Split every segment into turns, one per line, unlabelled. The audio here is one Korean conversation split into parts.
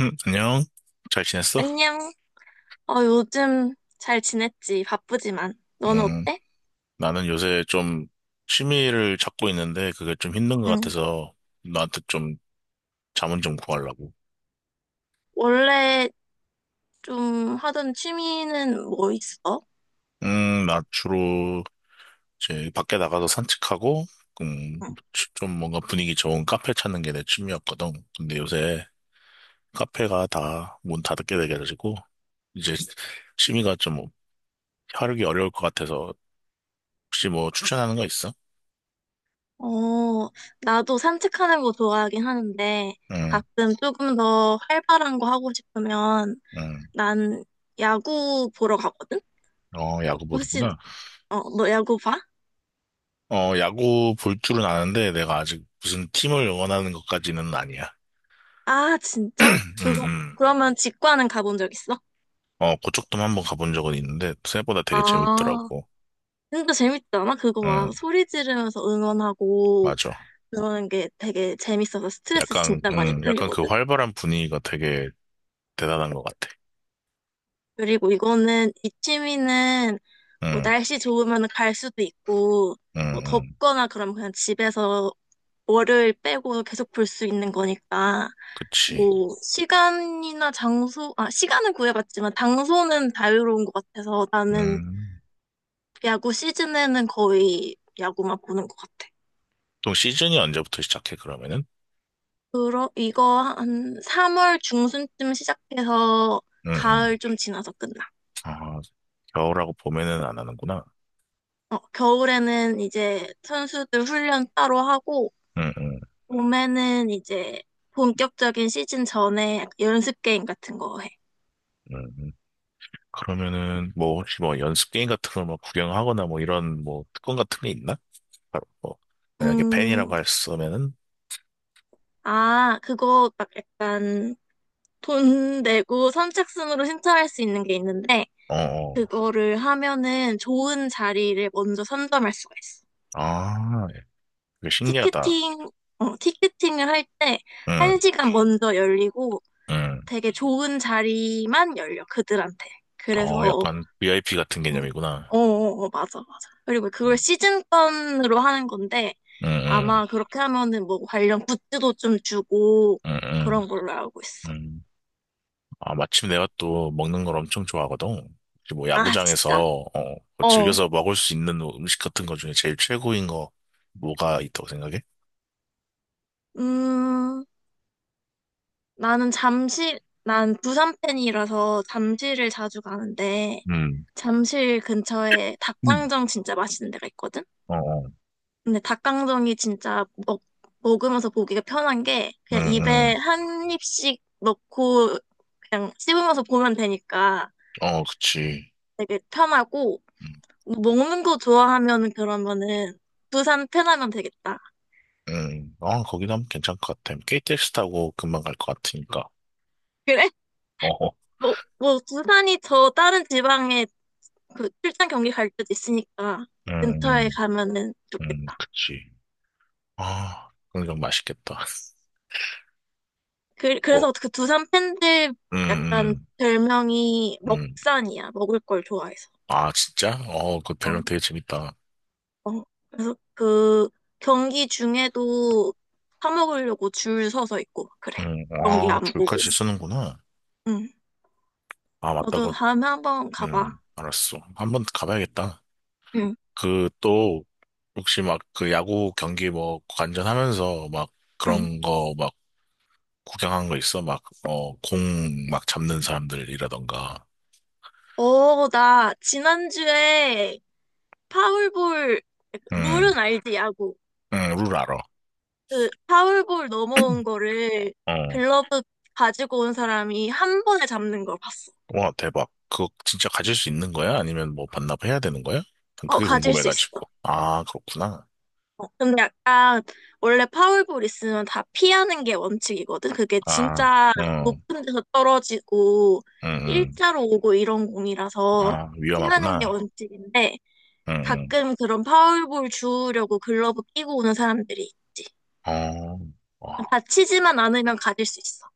응, 안녕. 잘 지냈어?
안녕. 요즘 잘 지냈지? 바쁘지만. 너는
음,
어때?
나는 요새 좀 취미를 찾고 있는데 그게 좀 힘든 것
응.
같아서 나한테 좀 자문 좀 구하려고.
원래 좀 하던 취미는 뭐 있어?
나 주로 이제 밖에 나가서 산책하고, 음,
응.
좀 뭔가 분위기 좋은 카페 찾는 게 내 취미였거든. 근데 요새 카페가 다 문 닫게 돼가지고 이제 취미가 좀 하루기 어려울 것 같아서 혹시 뭐 추천하는 거 있어?
어, 나도 산책하는 거 좋아하긴 하는데,
응,
가끔 조금 더 활발한 거 하고 싶으면,
응.
난 야구 보러 가거든?
어, 야구
혹시,
보는구나.
너 야구 봐?
어, 야구 볼 줄은 아는데 내가 아직 무슨 팀을 응원하는 것까지는 아니야.
아,
음,
진짜?
음.
그러면 직관은 가본 적 있어?
어, 그쪽도 한번 가본 적은 있는데 생각보다 되게
아,
재밌더라고.
진짜 재밌지 않아? 그거 막
응,
소리 지르면서 응원하고,
맞아.
그러는 게 되게 재밌어서 스트레스
약간,
진짜 많이
약간 그
풀리거든.
활발한 분위기가 되게 대단한 것 같아.
그리고 이거는 이 취미는 뭐
응응응.
날씨 좋으면 갈 수도 있고 뭐 덥거나 그럼 그냥 집에서 월요일 빼고 계속 볼 수 있는 거니까
그치.
뭐 시간이나 장소 아 시간은 구해봤지만 장소는 자유로운 것 같아서 나는
음.
야구 시즌에는 거의 야구만 보는 것 같아.
또 시즌이 언제부터 시작해, 그러면은?
그러 이거 한 3월 중순쯤 시작해서
응응.
가을 좀 지나서 끝나.
아, 겨울하고 봄에는 안 하는구나.
어, 겨울에는 이제 선수들 훈련 따로 하고,
응응응.
봄에는 이제 본격적인 시즌 전에 연습 게임 같은 거 해.
그러면은 뭐 혹시 뭐 연습 게임 같은 걸뭐 구경하거나 뭐 이런 뭐 특권 같은 게 있나? 바로 뭐 만약에 펜이라고
음,
했으면은.
아, 그거 막 약간 돈 내고 선착순으로 신청할 수 있는 게 있는데,
어, 어.
그거를 하면은 좋은 자리를 먼저 선점할 수가 있어.
아, 되게 신기하다.
티켓팅, 티켓팅을 할 때
응,
한시간 먼저 열리고
응.
되게 좋은 자리만 열려, 그들한테.
어,
그래서
약간 VIP 같은
어,
개념이구나.
맞아, 맞아. 그리고 그걸
응,
시즌권으로 하는 건데,
응,
아마 그렇게 하면은 뭐 관련 굿즈도 좀 주고,
응, 응,
그런 걸로 알고
응.
있어.
응. 아, 마침 내가 또 먹는 걸 엄청 좋아하거든. 혹시 뭐
아, 진짜?
야구장에서 어, 뭐
어.
즐겨서 먹을 수 있는 음식 같은 것 중에 제일 최고인 거 뭐가 있다고 생각해?
음, 나는 잠실, 난 부산 팬이라서 잠실을 자주 가는데,
응,
잠실 근처에
응,
닭강정 진짜 맛있는 데가 있거든?
어, 어,
근데 닭강정이 진짜 먹, 먹으면서 보기가 편한 게
응,
그냥 입에
응,
한 입씩 넣고 그냥 씹으면서 보면 되니까
어, 그치.
되게 편하고
응,
뭐 먹는 거 좋아하면은 그러면은 부산 편하면 되겠다.
응. 어, 거기도 하면 괜찮을 것 같아. KTX 타고 금방 갈 것 같으니까.
그래?
어 어.
뭐 부산이 저 다른 지방에 그 출장 경기 갈 때도 있으니까
음,
근처에
음,
가면은 좋겠다.
그치. 아, 그건 좀 맛있겠다. 뭐,
그래서 그 두산 팬들
음,
약간
음,
별명이
음.
먹산이야. 먹을 걸 좋아해서.
아, 진짜? 어, 그
어.
별명 되게 재밌다.
어, 그래서 그 경기 중에도 사 먹으려고 줄 서서 있고 그래. 경기
아,
안 보고.
줄까지 쓰는구나.
응.
아, 맞다.
너도
그,
다음에 한번 가봐.
알았어. 한번 가봐야겠다.
응.
그, 또, 혹시 막 그 야구 경기 뭐 관전하면서 막
응.
그런 거 막 구경한 거 있어? 막, 어, 공 막 잡는 사람들이라던가.
어, 나 지난주에 파울볼 룰은
음,
알지 야구.
룰 알아.
그 파울볼 넘어온 거를
어.
글러브 가지고 온 사람이 한 번에 잡는 걸 봤어.
와, 대박. 그거 진짜 가질 수 있는 거야? 아니면 뭐 반납해야 되는 거야?
어,
그게
가질 수 있어.
궁금해가지고. 아, 그렇구나.
근데 약간 원래 파울볼 있으면 다 피하는 게 원칙이거든. 그게
아,
진짜
응,
높은 데서 떨어지고
응, 응.
일자로 오고 이런 공이라서
아,
피하는 게
위험하구나.
원칙인데
응,
가끔 그런 파울볼 주우려고 글러브 끼고 오는 사람들이 있지.
응. 어, 와,
다치지만 않으면 가질 수 있어.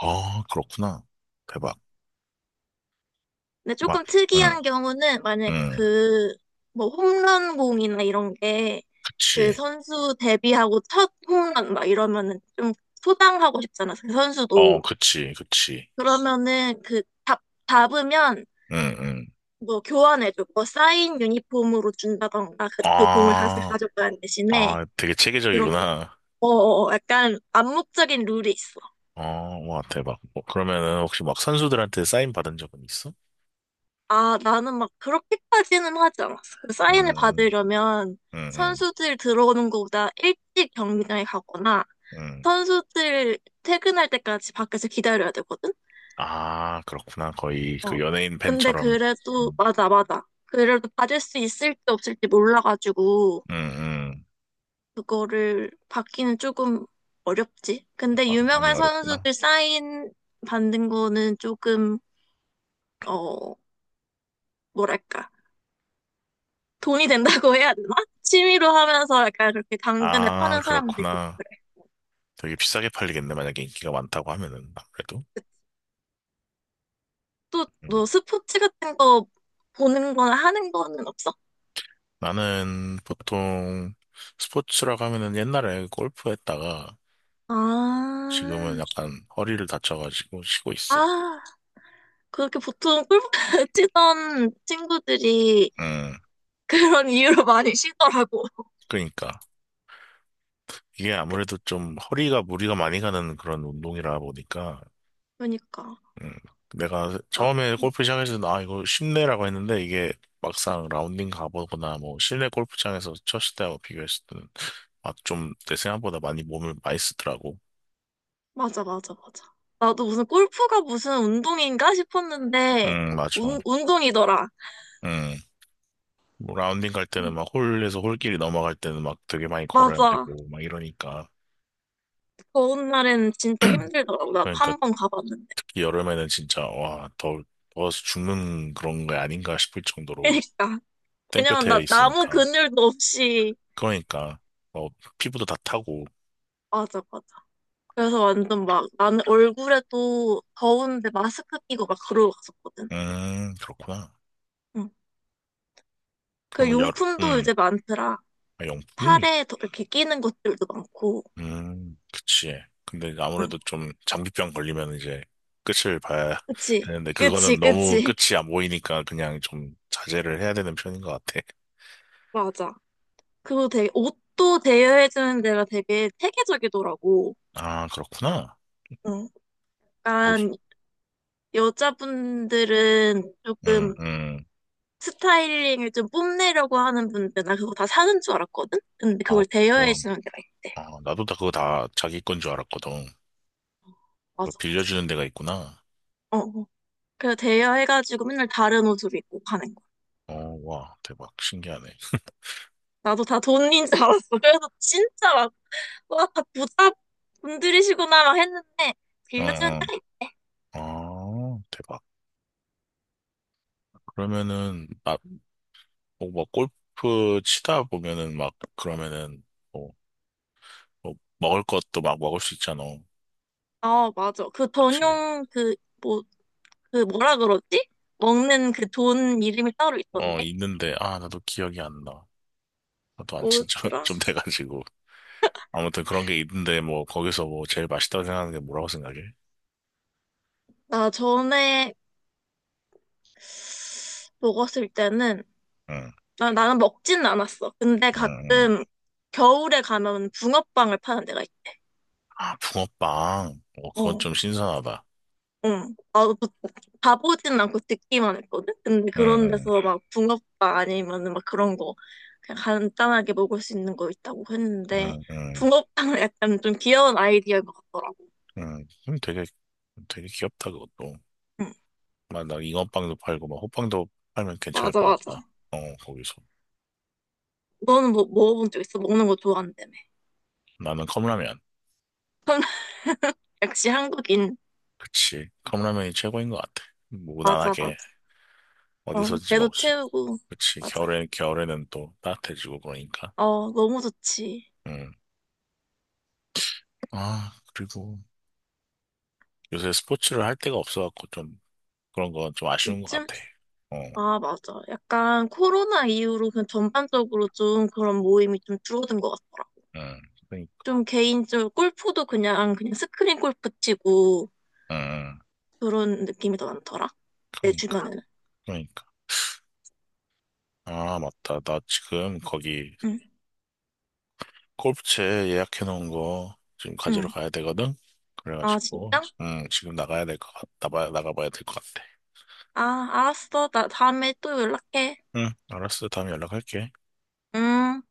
아, 그렇구나. 대박.
근데
막,
조금
응,
특이한 경우는 만약에
응.
그 뭐 홈런 공이나 이런 게 그
그치.
선수 데뷔하고 첫 홈런 막 이러면은 좀 소장하고 싶잖아. 그
어,
선수도.
그치, 그치.
그러면은 답으면
응, 응.
뭐 교환해줘. 뭐 사인 유니폼으로 준다던가 그 공을 다시
아,
가져가는 대신에
아, 되게
이렇게
체계적이구나.
약간 암묵적인 룰이 있어.
어, 와, 대박. 뭐, 그러면은 혹시 막 선수들한테 사인 받은 적은 있어?
아, 나는 막 그렇게까지는 하지 않았어. 그 사인을
음,
받으려면
응, 응,
선수들 들어오는 것보다 일찍 경기장에 가거나
응.
선수들 퇴근할 때까지 밖에서 기다려야 되거든?
아, 그렇구나. 거의 그
어.
연예인
근데
팬처럼.
그래도
음,
맞아, 맞아. 그래도 받을 수 있을지 없을지 몰라가지고
음, 음.
그거를 받기는 조금 어렵지. 근데
많이
유명한
어렵구나.
선수들 사인 받는 거는 조금, 어, 뭐랄까. 돈이 된다고 해야 되나? 취미로 하면서 약간 그렇게 당근에
아,
파는 사람도 있고
그렇구나.
그래.
되게 비싸게 팔리겠네. 만약에 인기가 많다고 하면은, 아무래도.
또,
음.
너 스포츠 같은 거 보는 거나 하는 거는 없어?
나는 보통 스포츠라고 하면은 옛날에 골프 했다가
아,
지금은 약간 허리를 다쳐가지고 쉬고 있어.
아, 그렇게 보통 골프 치던 친구들이
음,
그런 이유로 많이 쉬더라고.
그러니까. 이게
그-
아무래도 좀 허리가 무리가 많이 가는 그런 운동이라 보니까
그러니까.
음, 내가
나-
처음에
음.
골프 시작했을 때, 아, 이거 쉽네라고 했는데, 이게 막상 라운딩 가보거나, 뭐, 실내 골프장에서 쳤을 때하고 비교했을 때는, 아, 좀, 내 생각보다 많이 몸을 많이 쓰더라고.
맞아, 맞아, 맞아. 나도 무슨 골프가 무슨 운동인가 싶었는데,
맞아.
운동이더라.
음, 뭐 라운딩 갈 때는 막 홀에서 홀길이 넘어갈 때는 막 되게 많이 걸어야
맞아.
되고, 막 이러니까.
더운 날엔 진짜 힘들더라고. 나도
그러니까
한 번 가봤는데.
특히 여름에는 진짜, 와, 더, 더워서 죽는 그런 게 아닌가 싶을 정도로
그러니까. 왜냐면 나
땡볕에
아무
있으니까.
근육도 없이.
그러니까, 어, 피부도 다 타고.
맞아, 맞아. 그래서 완전 막 나는 얼굴에도 더운데 마스크 끼고 막 그러고 갔었거든.
그렇구나.
응. 그
그러면 열,
용품도
음,
이제 많더라.
아, 용품?
팔에 더 이렇게 끼는 것들도 많고.
그치. 근데 이제
응.
아무래도 좀 장기병 걸리면 이제 끝을 봐야
그치?
되는데,
그치,
그거는 너무
그치.
끝이 안 보이니까 그냥 좀 자제를 해야 되는 편인 것 같아.
맞아. 그거 되게 옷도 대여해주는 데가 되게 체계적이더라고.
아, 그렇구나.
응,
뭐지?
약간 여자분들은
응,
조금
응.
스타일링을 좀 뽐내려고 하는 분들, 나 그거 다 사는 줄 알았거든? 근데
아,
그걸
뭐,
대여해주는 데가 있대.
아, 나도 다 그거 다 자기 건 줄 알았거든. 그거
맞아.
빌려주는 데가 있구나.
어, 어. 그래서 대여해가지고 맨날 다른 옷을 입고 가는 거야.
어, 와, 대박. 신기하네.
나도 다 돈인 줄 알았어. 와, 다 부자 분들이시구나 막 했는데,
어,
빌려주는
어.
데가 있-
아, 대박. 그러면은, 아, 뭐, 뭐 골프 치다 보면은 막, 그러면은, 뭐 뭐 먹을 것도 막 먹을 수 있잖아.
아, 맞아.
그치?
뭐, 그 뭐라 그러지? 먹는 그 돈 이름이 따로
어,
있던데?
있는데, 아, 나도 기억이 안 나. 나도 안 친지
뭐더라?
좀 돼가지고. 아무튼 그런 게 있는데, 뭐, 거기서 뭐, 제일 맛있다고 생각하는 게 뭐라고 생각해?
나 전에 먹었을 때는
응,
나는 먹지는 않았어. 근데
응, 응.
가끔 겨울에 가면 붕어빵을 파는 데가 있대.
아, 붕어빵. 어, 그건
어.
좀 신선하다.
응. 나도 그- 가보진 않고 듣기만 했거든? 근데
응,
그런
응,
데서 막 붕어빵 아니면은 막 그런 거 그냥 간단하게 먹을 수 있는 거 있다고 했는데
응, 응,
붕어빵은 약간 좀 귀여운 아이디어인 것 같더라고.
응. 그럼 되게, 되게 귀엽다, 그것도.
응.
막, 나 잉어빵도 팔고, 막, 호빵도 팔면 괜찮을
맞아,
것
맞아.
같다. 어, 거기서.
너는 뭐 먹어본 적 있어? 먹는 거 좋아한다며.
나는 컵라면.
역시 한국인.
그치. 컵라면이 최고인 것 같아.
맞아, 맞아.
무난하게.
그럼
어디서든지 먹을
배도
수 있고.
채우고.
그치.
맞아.
겨울에는 또 따뜻해지고 그러니까.
어, 너무 좋지.
음. 아, 그리고 요새 스포츠를 할 데가 없어갖고 좀 그런 건 좀 아쉬운 것
요즘?
같아. 어,
아, 맞아. 약간 코로나 이후로 그냥 전반적으로 좀 그런 모임이 좀 줄어든 것 같더라.
음, 그러니까.
좀 개인적으로 골프도 그냥, 그냥 스크린 골프 치고
음, 음.
그런 느낌이 더 많더라. 내
그러니까.
주변에는.
그러니까. 아, 맞다. 나 지금 거기
응,
골프채 예약해놓은 거 지금 가지러
응.
가야 되거든?
아,
그래가지고,
진짜?
지금 나가야 될 것 같, 나가, 나가봐야 될 것 같아.
아, 알았어. 나 다음에 또 연락해.
응, 알았어. 다음에 연락할게.
음.